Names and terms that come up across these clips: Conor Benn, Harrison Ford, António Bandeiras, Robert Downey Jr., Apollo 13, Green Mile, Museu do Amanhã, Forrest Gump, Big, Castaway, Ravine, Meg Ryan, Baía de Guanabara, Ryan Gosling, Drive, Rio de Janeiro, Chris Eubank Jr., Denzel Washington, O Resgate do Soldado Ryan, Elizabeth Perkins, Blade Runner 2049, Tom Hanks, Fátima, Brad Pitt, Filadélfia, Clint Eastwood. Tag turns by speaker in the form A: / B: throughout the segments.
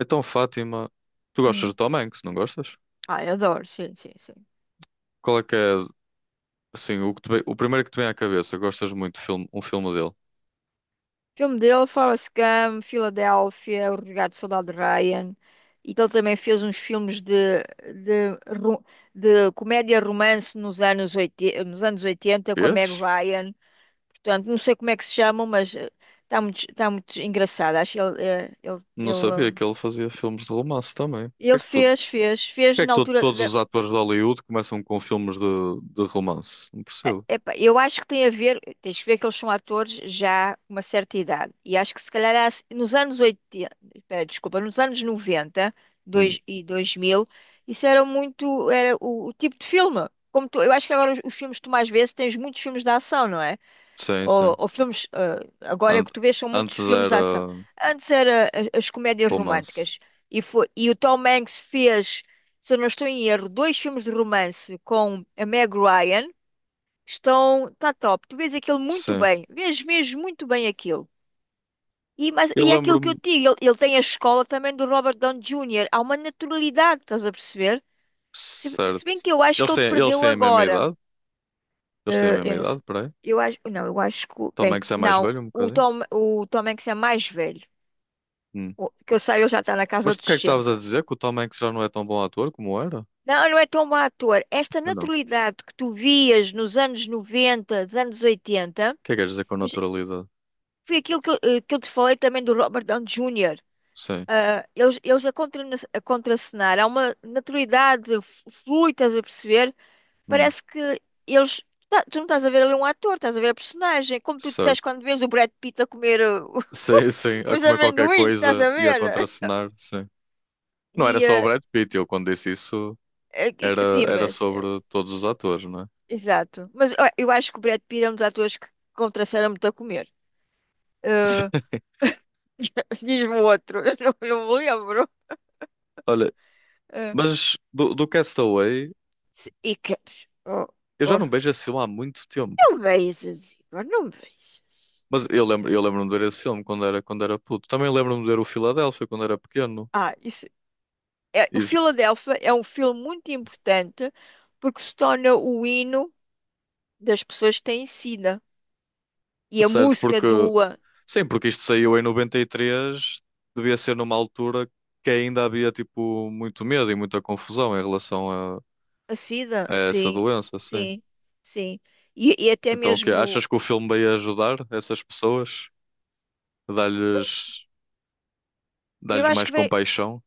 A: Então, Fátima, tu gostas do
B: Hum.
A: Tom Hanks, não gostas?
B: Ai, adoro, sim, sim, sim.
A: Qual é que é, assim, o primeiro que te vem à cabeça? Gostas muito de filme, um filme dele?
B: Filme dele, Forrest Gump, Filadélfia, O Resgate do Soldado Ryan. E que ele também fez uns filmes de, ro- de comédia romance nos anos 80, nos anos 80 com a Meg
A: Vês?
B: Ryan. Portanto, não sei como é que se chamam, mas está muito engraçado. Acho que ele, eh, ele,
A: Não
B: ele,
A: sabia
B: eh,
A: que ele fazia filmes de romance também.
B: ele fez
A: Porque é que
B: na
A: todos
B: altura.
A: os atores de Hollywood começam com filmes de romance? Não
B: É-
A: percebo.
B: epá, eu acho que tem a ver, tens que ver que eles são atores já com uma certa idade. E acho que se calhar nos anos 80, espera, desculpa, nos anos 90,
A: Hum,
B: dois, e 2000, isso era muito, era o tipo de filme. Eu acho que agora os filmes que tu mais vês, tens muitos filmes de ação, não é?
A: sim,
B: Ou,
A: sim.
B: ou filmes, agora é
A: An-
B: que tu vês são muitos
A: Antes
B: filmes de ação.
A: era
B: Antes era as comédias
A: romance.
B: românticas. E o Tom Hanks fez, se eu não estou em erro, dois filmes de romance com a Meg Ryan. Estão, está top. Tu vês aquilo muito
A: Sim.
B: bem. Vês mesmo muito bem aquilo. E, mas,
A: Eu
B: e é aquilo que eu
A: lembro-me,
B: te digo, ele tem a escola também do Robert Downey Jr. Há uma naturalidade, estás a perceber? Se,
A: certo.
B: se bem que eu acho que ele
A: Eles
B: perdeu
A: têm a mesma
B: agora.
A: idade? Eles têm a mesma
B: Eu não sei.
A: idade, peraí.
B: Eu acho, não, eu acho que...
A: Tom
B: Bem,
A: Hanks é mais
B: não.
A: velho um
B: O
A: bocadinho?
B: Tom, o Tom Hanks é mais velho.
A: Hum.
B: Que eu saiba, ele já está na
A: Mas
B: casa
A: do
B: dos
A: que é que estavas a
B: 60.
A: dizer? Que o Tom Hanks já não é tão bom ator como era?
B: Não, não é tão bom ator. Esta
A: Ah, não. O
B: naturalidade que tu vias nos anos 90, dos anos 80.
A: que é que queres dizer com naturalidade?
B: Foi aquilo que eu te falei também do Robert Downey Jr.
A: Sim.
B: Ah, eles a contracenar, há uma naturalidade flui, estás a perceber?
A: Hum,
B: Parece que eles... tu não estás a ver ali um ator, estás a ver a personagem. Como tu disseste
A: certo.
B: quando vês o Brad Pitt a comer,
A: Sim, sim. A
B: os
A: comer qualquer
B: amendoins, estás
A: coisa
B: a
A: e a
B: ver?
A: contracenar, sim. Não era
B: E,
A: só o
B: eh,
A: Brad Pitt, eu quando disse isso era,
B: sim,
A: era
B: mas
A: sobre todos os atores, não é?
B: exato. Mas ó, eu acho que o Brad Pitt é um dos atores que contracenaram muito a comer. Ah, diz-me outro, eu não, não me lembro.
A: Olha,
B: Ah,
A: mas do, do Castaway,
B: e que... oh,
A: eu já
B: oh.
A: não vejo esse filme há muito tempo.
B: Não vejas, Igor, não vejas.
A: Mas eu lembro, eu lembro-me de ver esse filme quando era puto. Também lembro-me de ver o Filadélfia quando era pequeno.
B: Ah, isso é o
A: E,
B: Filadélfia é um filme muito importante porque se torna o hino das pessoas que têm SIDA. E a
A: certo,
B: música
A: porque
B: do
A: sim, porque isto saiu em 93, devia ser numa altura que ainda havia tipo muito medo e muita confusão em relação
B: a SIDA,
A: a essa
B: sim,
A: doença, sim.
B: sim, sim. E até
A: Então, o quê?
B: mesmo,
A: Achas que o filme veio ajudar essas pessoas? Dar-lhes
B: eu
A: dar-lhes
B: acho
A: mais
B: que vem,
A: compaixão?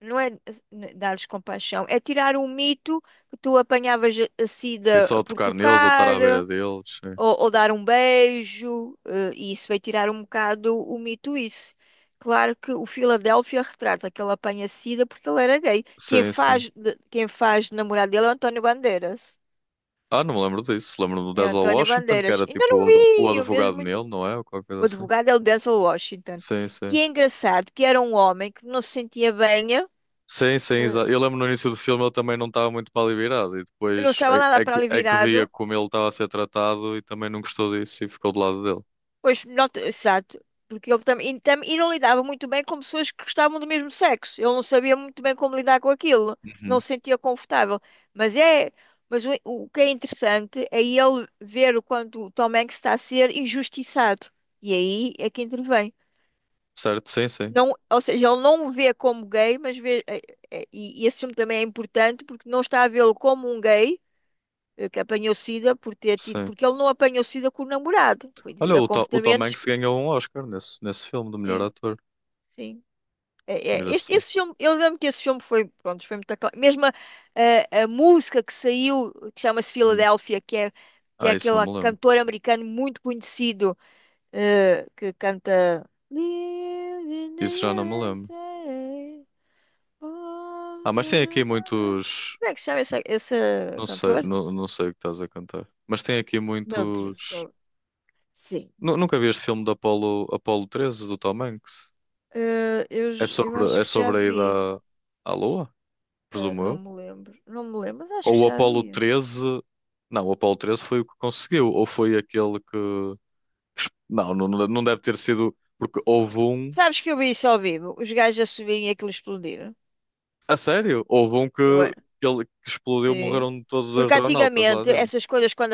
B: não é dar-lhes compaixão, é tirar o mito que tu apanhavas a
A: Sim,
B: SIDA
A: só
B: por
A: tocar neles ou estar
B: tocar,
A: à beira deles? Sim,
B: ou dar um beijo, e isso vai tirar um bocado o mito isso. Claro que o Filadélfia retrata que ele apanha sida porque ele era gay. Quem
A: sim. Sim.
B: faz, quem faz de namorado dele é o António Bandeiras.
A: Ah, não me lembro disso. Lembro-me do
B: É o
A: Denzel
B: António
A: Washington, que
B: Bandeiras.
A: era
B: Ainda
A: tipo
B: não
A: o
B: vi, eu mesmo...
A: advogado nele, não é? Ou qualquer coisa
B: O
A: assim.
B: advogado é o Denzel Washington.
A: Sim,
B: Que
A: sim.
B: é engraçado, que era um homem que não se sentia bem,
A: Sim, sim, exato. Eu lembro no início do filme ele também não estava muito para ali virado e
B: não
A: depois
B: estava nada para ali
A: é que via
B: virado.
A: como ele estava a ser tratado e também não gostou disso e ficou do lado dele.
B: Pois, nota, exato. Porque ele também e não lidava muito bem com pessoas que gostavam do mesmo sexo. Ele não sabia muito bem como lidar com aquilo. Não
A: Uhum.
B: se sentia confortável. Mas é, mas o que é interessante é ele ver o quanto o Tom Hanks está a ser injustiçado. E aí é que intervém.
A: Certo? Sim, sim,
B: Não, ou seja, ele não o vê como gay, mas vê, e esse filme também é importante porque não está a vê-lo como um gay que apanhou SIDA por ter tido,
A: sim.
B: porque ele não apanhou SIDA com o namorado. Foi devido
A: Olha,
B: a
A: o, o Tom
B: comportamentos
A: Hanks
B: que...
A: ganhou um Oscar nesse, nesse filme do melhor
B: sim.
A: ator.
B: Sim. É, é, este,
A: Engraçado.
B: esse filme, eu lembro que esse filme foi, pronto, foi muito aclamado. Mesmo a música que saiu, que chama-se
A: Hum.
B: Philadelphia, que é
A: Ah, isso não
B: aquele
A: me lembro.
B: cantor americano muito conhecido, que canta Live in the
A: Isso já não me lembro.
B: USA. Oh,
A: Ah, mas
B: na,
A: tem aqui
B: na, na, na.
A: muitos.
B: Como é que se chama esse
A: Não sei,
B: cantor?
A: não, não sei o que estás a cantar. Mas tem aqui
B: Meu Deus,
A: muitos.
B: oh, sim.
A: Nunca vi este filme do Apolo, Apolo 13 do Tom Hanks?
B: Eh, eu, j- eu acho
A: É
B: que já
A: sobre a ida
B: vi.
A: à à Lua? Presumo
B: Não
A: eu.
B: me lembro. Não me lembro, mas acho
A: Ou
B: que
A: o
B: já
A: Apollo
B: vi.
A: treze. Não, o Apollo treze foi o que conseguiu. Ou foi aquele não, não, não deve ter sido. Porque houve um.
B: Sabes que eu vi isso ao vivo, os gajos a subirem e aquilo explodir.
A: A sério? Houve um
B: Eu era,
A: que, ele, que explodiu,
B: sim.
A: morreram todos os
B: Porque
A: astronautas lá
B: antigamente
A: dentro.
B: essas coisas quando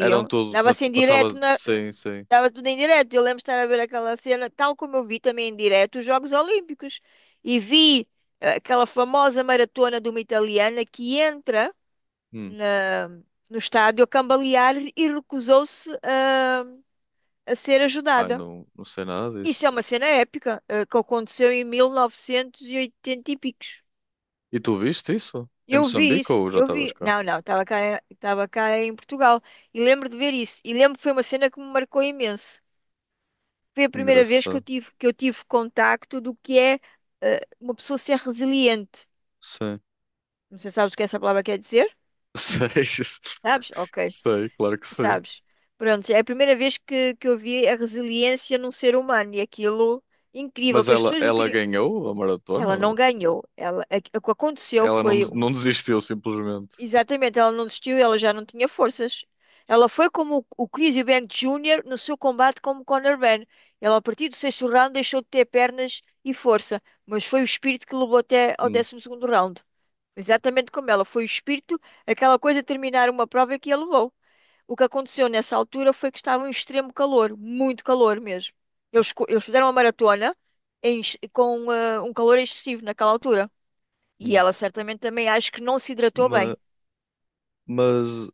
A: Eram todos.
B: dava-se em direto,
A: Passava. Sim, sim.
B: dava tudo em direto. Eu lembro de estar a ver aquela cena, tal como eu vi também em direto os Jogos Olímpicos. E vi, aquela famosa maratona de uma italiana que entra
A: Hum.
B: na- no estádio a cambalear e recusou-se a, ser
A: Ai,
B: ajudada.
A: não, não sei nada
B: Isso é
A: disso.
B: uma cena épica, que aconteceu em 1980 e oitenta e picos.
A: E tu viste isso? Em
B: Eu vi
A: Moçambique
B: isso,
A: ou já
B: eu
A: estavas
B: vi.
A: cá?
B: Não, não, estava cá em Portugal e lembro de ver isso. E lembro que foi uma cena que me marcou imenso. Foi a primeira vez que eu
A: Engraçado.
B: tive, que eu tive contacto do que é, uma pessoa ser resiliente.
A: Sei.
B: Não sei se sabes o que essa palavra quer dizer?
A: Sei.
B: Sabes? Ok,
A: Sei, claro que sei.
B: sabes. Pronto, é a primeira vez que eu vi a resiliência num ser humano e aquilo incrível
A: Mas
B: que as
A: ela,
B: pessoas lhe
A: ela
B: queriam.
A: ganhou a maratona?
B: Ela não ganhou. Ela, o que aconteceu
A: Ela não,
B: foi...
A: não desistiu, simplesmente.
B: Exatamente, ela não desistiu, ela já não tinha forças. Ela foi como o Chris Eubank Jr. no seu combate como Conor Benn. Ela, a partir do 6º round, deixou de ter pernas e força, mas foi o espírito que levou até ao
A: Hum,
B: 12º round. Exatamente como ela, foi o espírito, aquela coisa de terminar uma prova que a levou. O que aconteceu nessa altura foi que estava um extremo calor, muito calor mesmo. Eles fizeram uma maratona com um calor excessivo naquela altura. E
A: hum.
B: ela certamente também acho que não se hidratou bem.
A: Ma- Mas,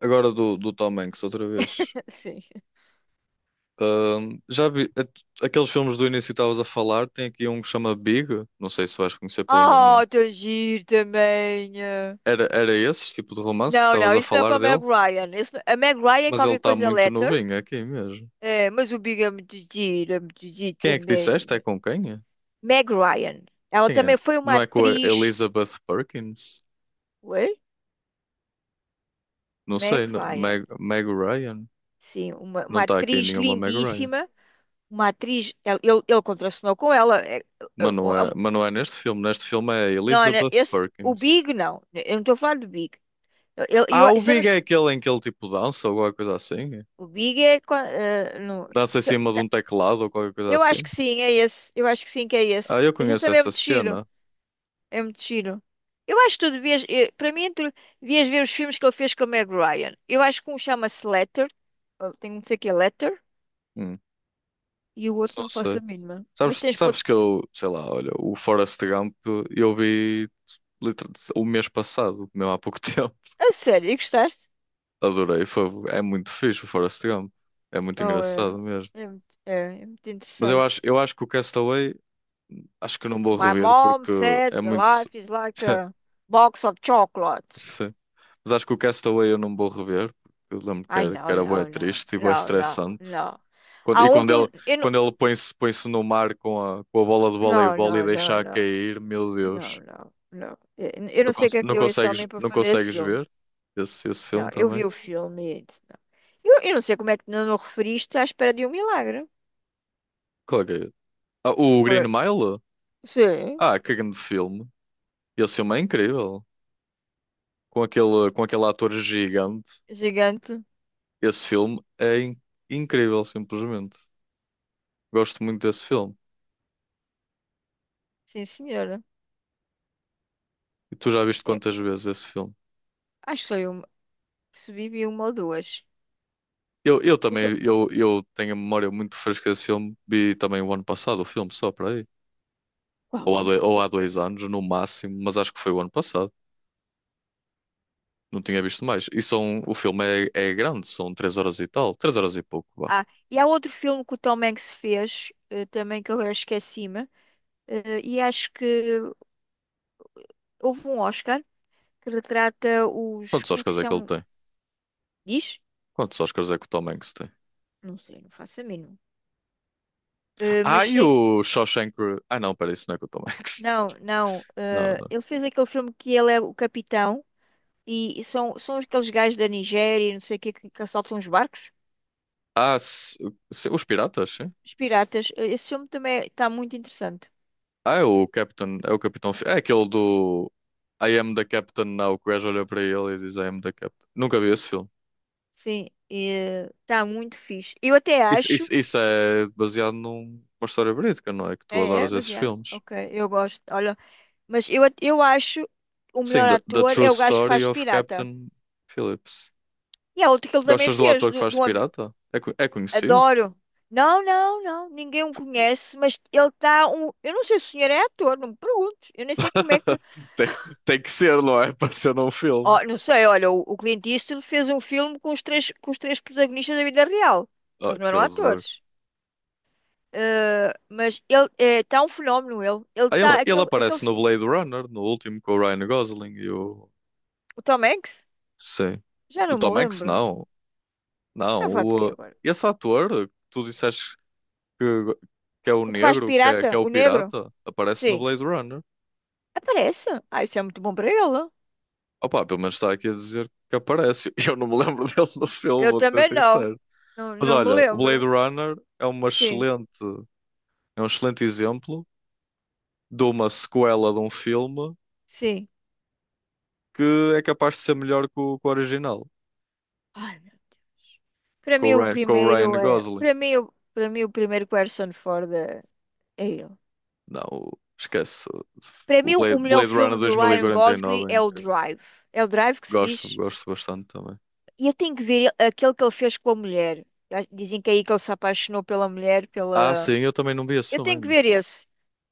A: agora do, do Tom Hanks, outra vez.
B: Sim.
A: Já vi aqueles filmes do início que estavas a falar? Tem aqui um que chama Big, não sei se vais conhecer pelo nome.
B: Ah,
A: Hein?
B: tão giro também. Eh.
A: Era, era esse tipo de romance que
B: Não,
A: estavas
B: não,
A: a
B: isso não é com
A: falar
B: a Meg
A: dele,
B: Ryan. Isso A Meg Ryan é
A: mas ele
B: qualquer
A: está
B: coisa
A: muito
B: letter.
A: novinho aqui mesmo.
B: É, mas o Big é muito giro
A: Quem é que disseste? É
B: também.
A: com quem? É?
B: Meg Ryan. Ela
A: Quem é?
B: também foi uma
A: Não é com a
B: atriz.
A: Elizabeth Perkins?
B: Ué?
A: Não sei,
B: Meg
A: não- Meg,
B: Ryan.
A: Meg Ryan?
B: Sim, uma,
A: Não
B: uma
A: está aqui
B: atriz
A: nenhuma Meg Ryan.
B: lindíssima. Uma atriz. Ele contracenou com ela. É, é, é, é,
A: Mas não é neste filme. Neste filme é
B: não, não,
A: Elizabeth
B: o
A: Perkins.
B: Big não. Eu não estou a falar do Big.
A: Ah, o
B: Se eu não
A: Big é
B: estou...
A: aquele em que ele tipo dança ou qualquer coisa assim.
B: o Big é. Qua- eh, no-
A: Dança em cima de um teclado ou qualquer coisa
B: Eu acho
A: assim.
B: que sim, é esse. Eu acho que sim, que é
A: Ah,
B: esse.
A: eu
B: Mas isso
A: conheço
B: também é
A: essa
B: muito giro.
A: cena.
B: É muito giro. Eu acho que tu devias... Para mim, tu devias ver os filmes que ele fez com a Meg Ryan. Eu acho que um chama-se Letter. Ou tem um que sei que é Letter.
A: Hum,
B: E o outro
A: não
B: não faço
A: sei.
B: a mínima. Mas
A: Sabes,
B: tens...
A: sabes que eu, sei lá, olha, o Forrest Gump eu vi liter- o mês passado, mesmo há pouco tempo.
B: A sério, e gostaste?
A: Adorei. Foi, é muito fixe o Forrest Gump. É muito
B: Oh,
A: engraçado mesmo.
B: é, muito, é, é muito
A: Mas
B: interessante.
A: eu acho que o Castaway, acho que não vou
B: My
A: rever
B: mom
A: porque é
B: said the
A: muito.
B: life is like a box of chocolates.
A: Sim, mas acho que o Castaway eu não vou rever. Porque eu lembro
B: Ai,
A: que
B: não,
A: era bué
B: não, não,
A: triste e bué
B: não, não,
A: estressante.
B: não.
A: Quando-
B: Há
A: e
B: um que eu não.
A: quando ele põe-se no mar com a bola de
B: Não,
A: voleibol e
B: não, não,
A: deixa a
B: não.
A: cair, meu
B: Não,
A: Deus.
B: não, não. Eu
A: Não,
B: não sei o que é que
A: não
B: deu esse
A: consegues,
B: homem para
A: não
B: fazer esse
A: consegues
B: filme.
A: ver esse, esse
B: Não,
A: filme
B: eu
A: também?
B: vi o filme e disse, não. Eu não sei como é que não o referiste à espera de um milagre.
A: Qual é que é? Ah, o Green
B: Olha,
A: Mile?
B: sim,
A: Ah, que grande filme. Esse filme é incrível. Com aquele ator gigante.
B: gigante.
A: Esse filme é incrível, simplesmente. Gosto muito desse filme.
B: Sim, senhora.
A: E tu já viste
B: Eu-
A: quantas
B: eu
A: vezes esse filme?
B: acho que foi uma, percebi, vi uma ou duas.
A: Eu
B: O so-
A: também, eu tenho a memória muito fresca desse filme. Vi também o ano passado o filme, só para aí.
B: Qual? É?
A: Ou há
B: O-
A: dois anos, no máximo, mas acho que foi o ano passado. Não tinha visto mais. E são, o filme é, é grande, são três horas e tal. Três horas e pouco, vá.
B: Ah, e há outro filme que o Tom Hanks fez, também, que eu agora esqueci-me, e acho que houve um Oscar que retrata os...
A: Quantos
B: Como é que
A: Oscars
B: se
A: é que ele
B: chama?
A: tem?
B: Diz?
A: Quantos Oscars é que o Tom Hanks tem?
B: Não sei, não faço a mínima.
A: Ah,
B: Mas
A: e
B: sei...
A: o Shawshank... Re- Ah, não, peraí, isso não é com o Tom Hanks.
B: Não, não.
A: Não, não.
B: Ele fez aquele filme que ele é o capitão e são aqueles gajos da Nigéria e não sei o quê que assaltam os barcos,
A: Ah, os Piratas, sim.
B: os piratas. Esse filme também está muito interessante.
A: Ah, é o Captain, é o Capitão... Fi- É aquele do... I am the Captain now, que o gajo olha para ele e diz I am the Captain. Nunca vi esse filme.
B: Sim, está muito fixe. Eu até
A: Isso,
B: acho.
A: isso, isso é baseado numa história verídica, não é? Que tu
B: É, é,
A: adoras
B: mas
A: esses
B: é.
A: filmes.
B: Ok, eu gosto. Olha, mas eu acho o
A: Sim,
B: melhor
A: The, The
B: ator
A: True
B: é o gajo que
A: Story
B: faz de
A: of
B: pirata.
A: Captain Phillips.
B: E há outro que ele também
A: Gostas do
B: fez,
A: ator que
B: do,
A: faz de
B: do
A: pirata? É, é conhecido?
B: Adoro. Não, não, não. Ninguém o conhece, mas ele está um. Eu não sei se o senhor é ator, não me perguntes. Eu nem sei como é que...
A: Tem, tem que ser, não é? Para ser num filme.
B: Ó, não sei, olha, o Clint Eastwood fez um filme com os três protagonistas da vida real.
A: Oh,
B: Eles não
A: que
B: eram
A: horror.
B: atores. Mas ele está um fenómeno, ele. Ele
A: Ah, ele,
B: está,
A: ele
B: aquele...
A: aparece no
B: sim.
A: Blade Runner, no último com o Ryan Gosling e o.
B: O Tom Hanks?
A: Sim.
B: Já
A: O
B: não me
A: Tom Hanks,
B: lembro.
A: não. Não.
B: Está a falar do quê
A: O,
B: agora?
A: esse ator que tu disseste que, que é o
B: O que faz de
A: negro,
B: pirata?
A: que é o
B: O negro?
A: pirata, aparece no
B: Sim.
A: Blade Runner.
B: Aparece. Ah, isso é muito bom para ele.
A: Opa, pelo menos está aqui a dizer que aparece. Eu não me lembro dele no filme,
B: Eu
A: vou ser
B: também não.
A: sincero.
B: Não,
A: Mas
B: não me
A: olha, o Blade
B: lembro.
A: Runner é uma
B: Sim,
A: excelente, é um excelente exemplo de uma sequela de um filme
B: sim.
A: que é capaz de ser melhor que o original,
B: Ai, meu Deus. Para mim o
A: Com o Ryan
B: primeiro é...
A: Gosling.
B: Para mim o primeiro que o Harrison Ford é ele.
A: Não, o- esquece.
B: Para
A: O
B: mim, o
A: Blade,
B: melhor
A: Blade Runner
B: filme do Ryan Gosling
A: 2049,
B: é
A: em
B: o
A: que
B: Drive. É o Drive que se
A: gosto,
B: diz.
A: gosto bastante também.
B: E eu tenho que ver aquele que ele fez com a mulher. Já dizem que é aí que ele se apaixonou pela mulher,
A: Ah,
B: pela...
A: sim, eu também não vi esse
B: Eu
A: filme
B: tenho que
A: ainda.
B: ver esse.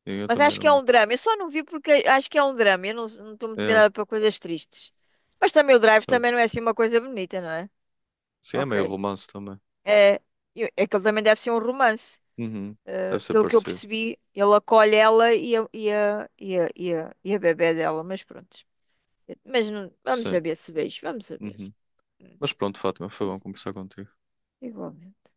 A: Sim, eu
B: Mas
A: também
B: acho que
A: não
B: é
A: vi.
B: um drama. Eu só não vi porque acho que é um drama. Eu não não estou muito
A: É,
B: virada para coisas tristes. Mas também o Drive também não é
A: certo.
B: assim uma coisa bonita, não é?
A: Sim, é meio
B: Ok.
A: romance também.
B: É, é que ele também deve ser um romance.
A: Uhum. Deve ser
B: Pelo que eu
A: parecido.
B: percebi, ele acolhe ela e a, bebé dela. Mas pronto. Mas não, vamos
A: Sim.
B: saber se vejo, vamos saber.
A: Uhum.
B: Hum,
A: Mas pronto, Fátima, foi bom
B: mas...
A: conversar contigo.
B: Igualmente.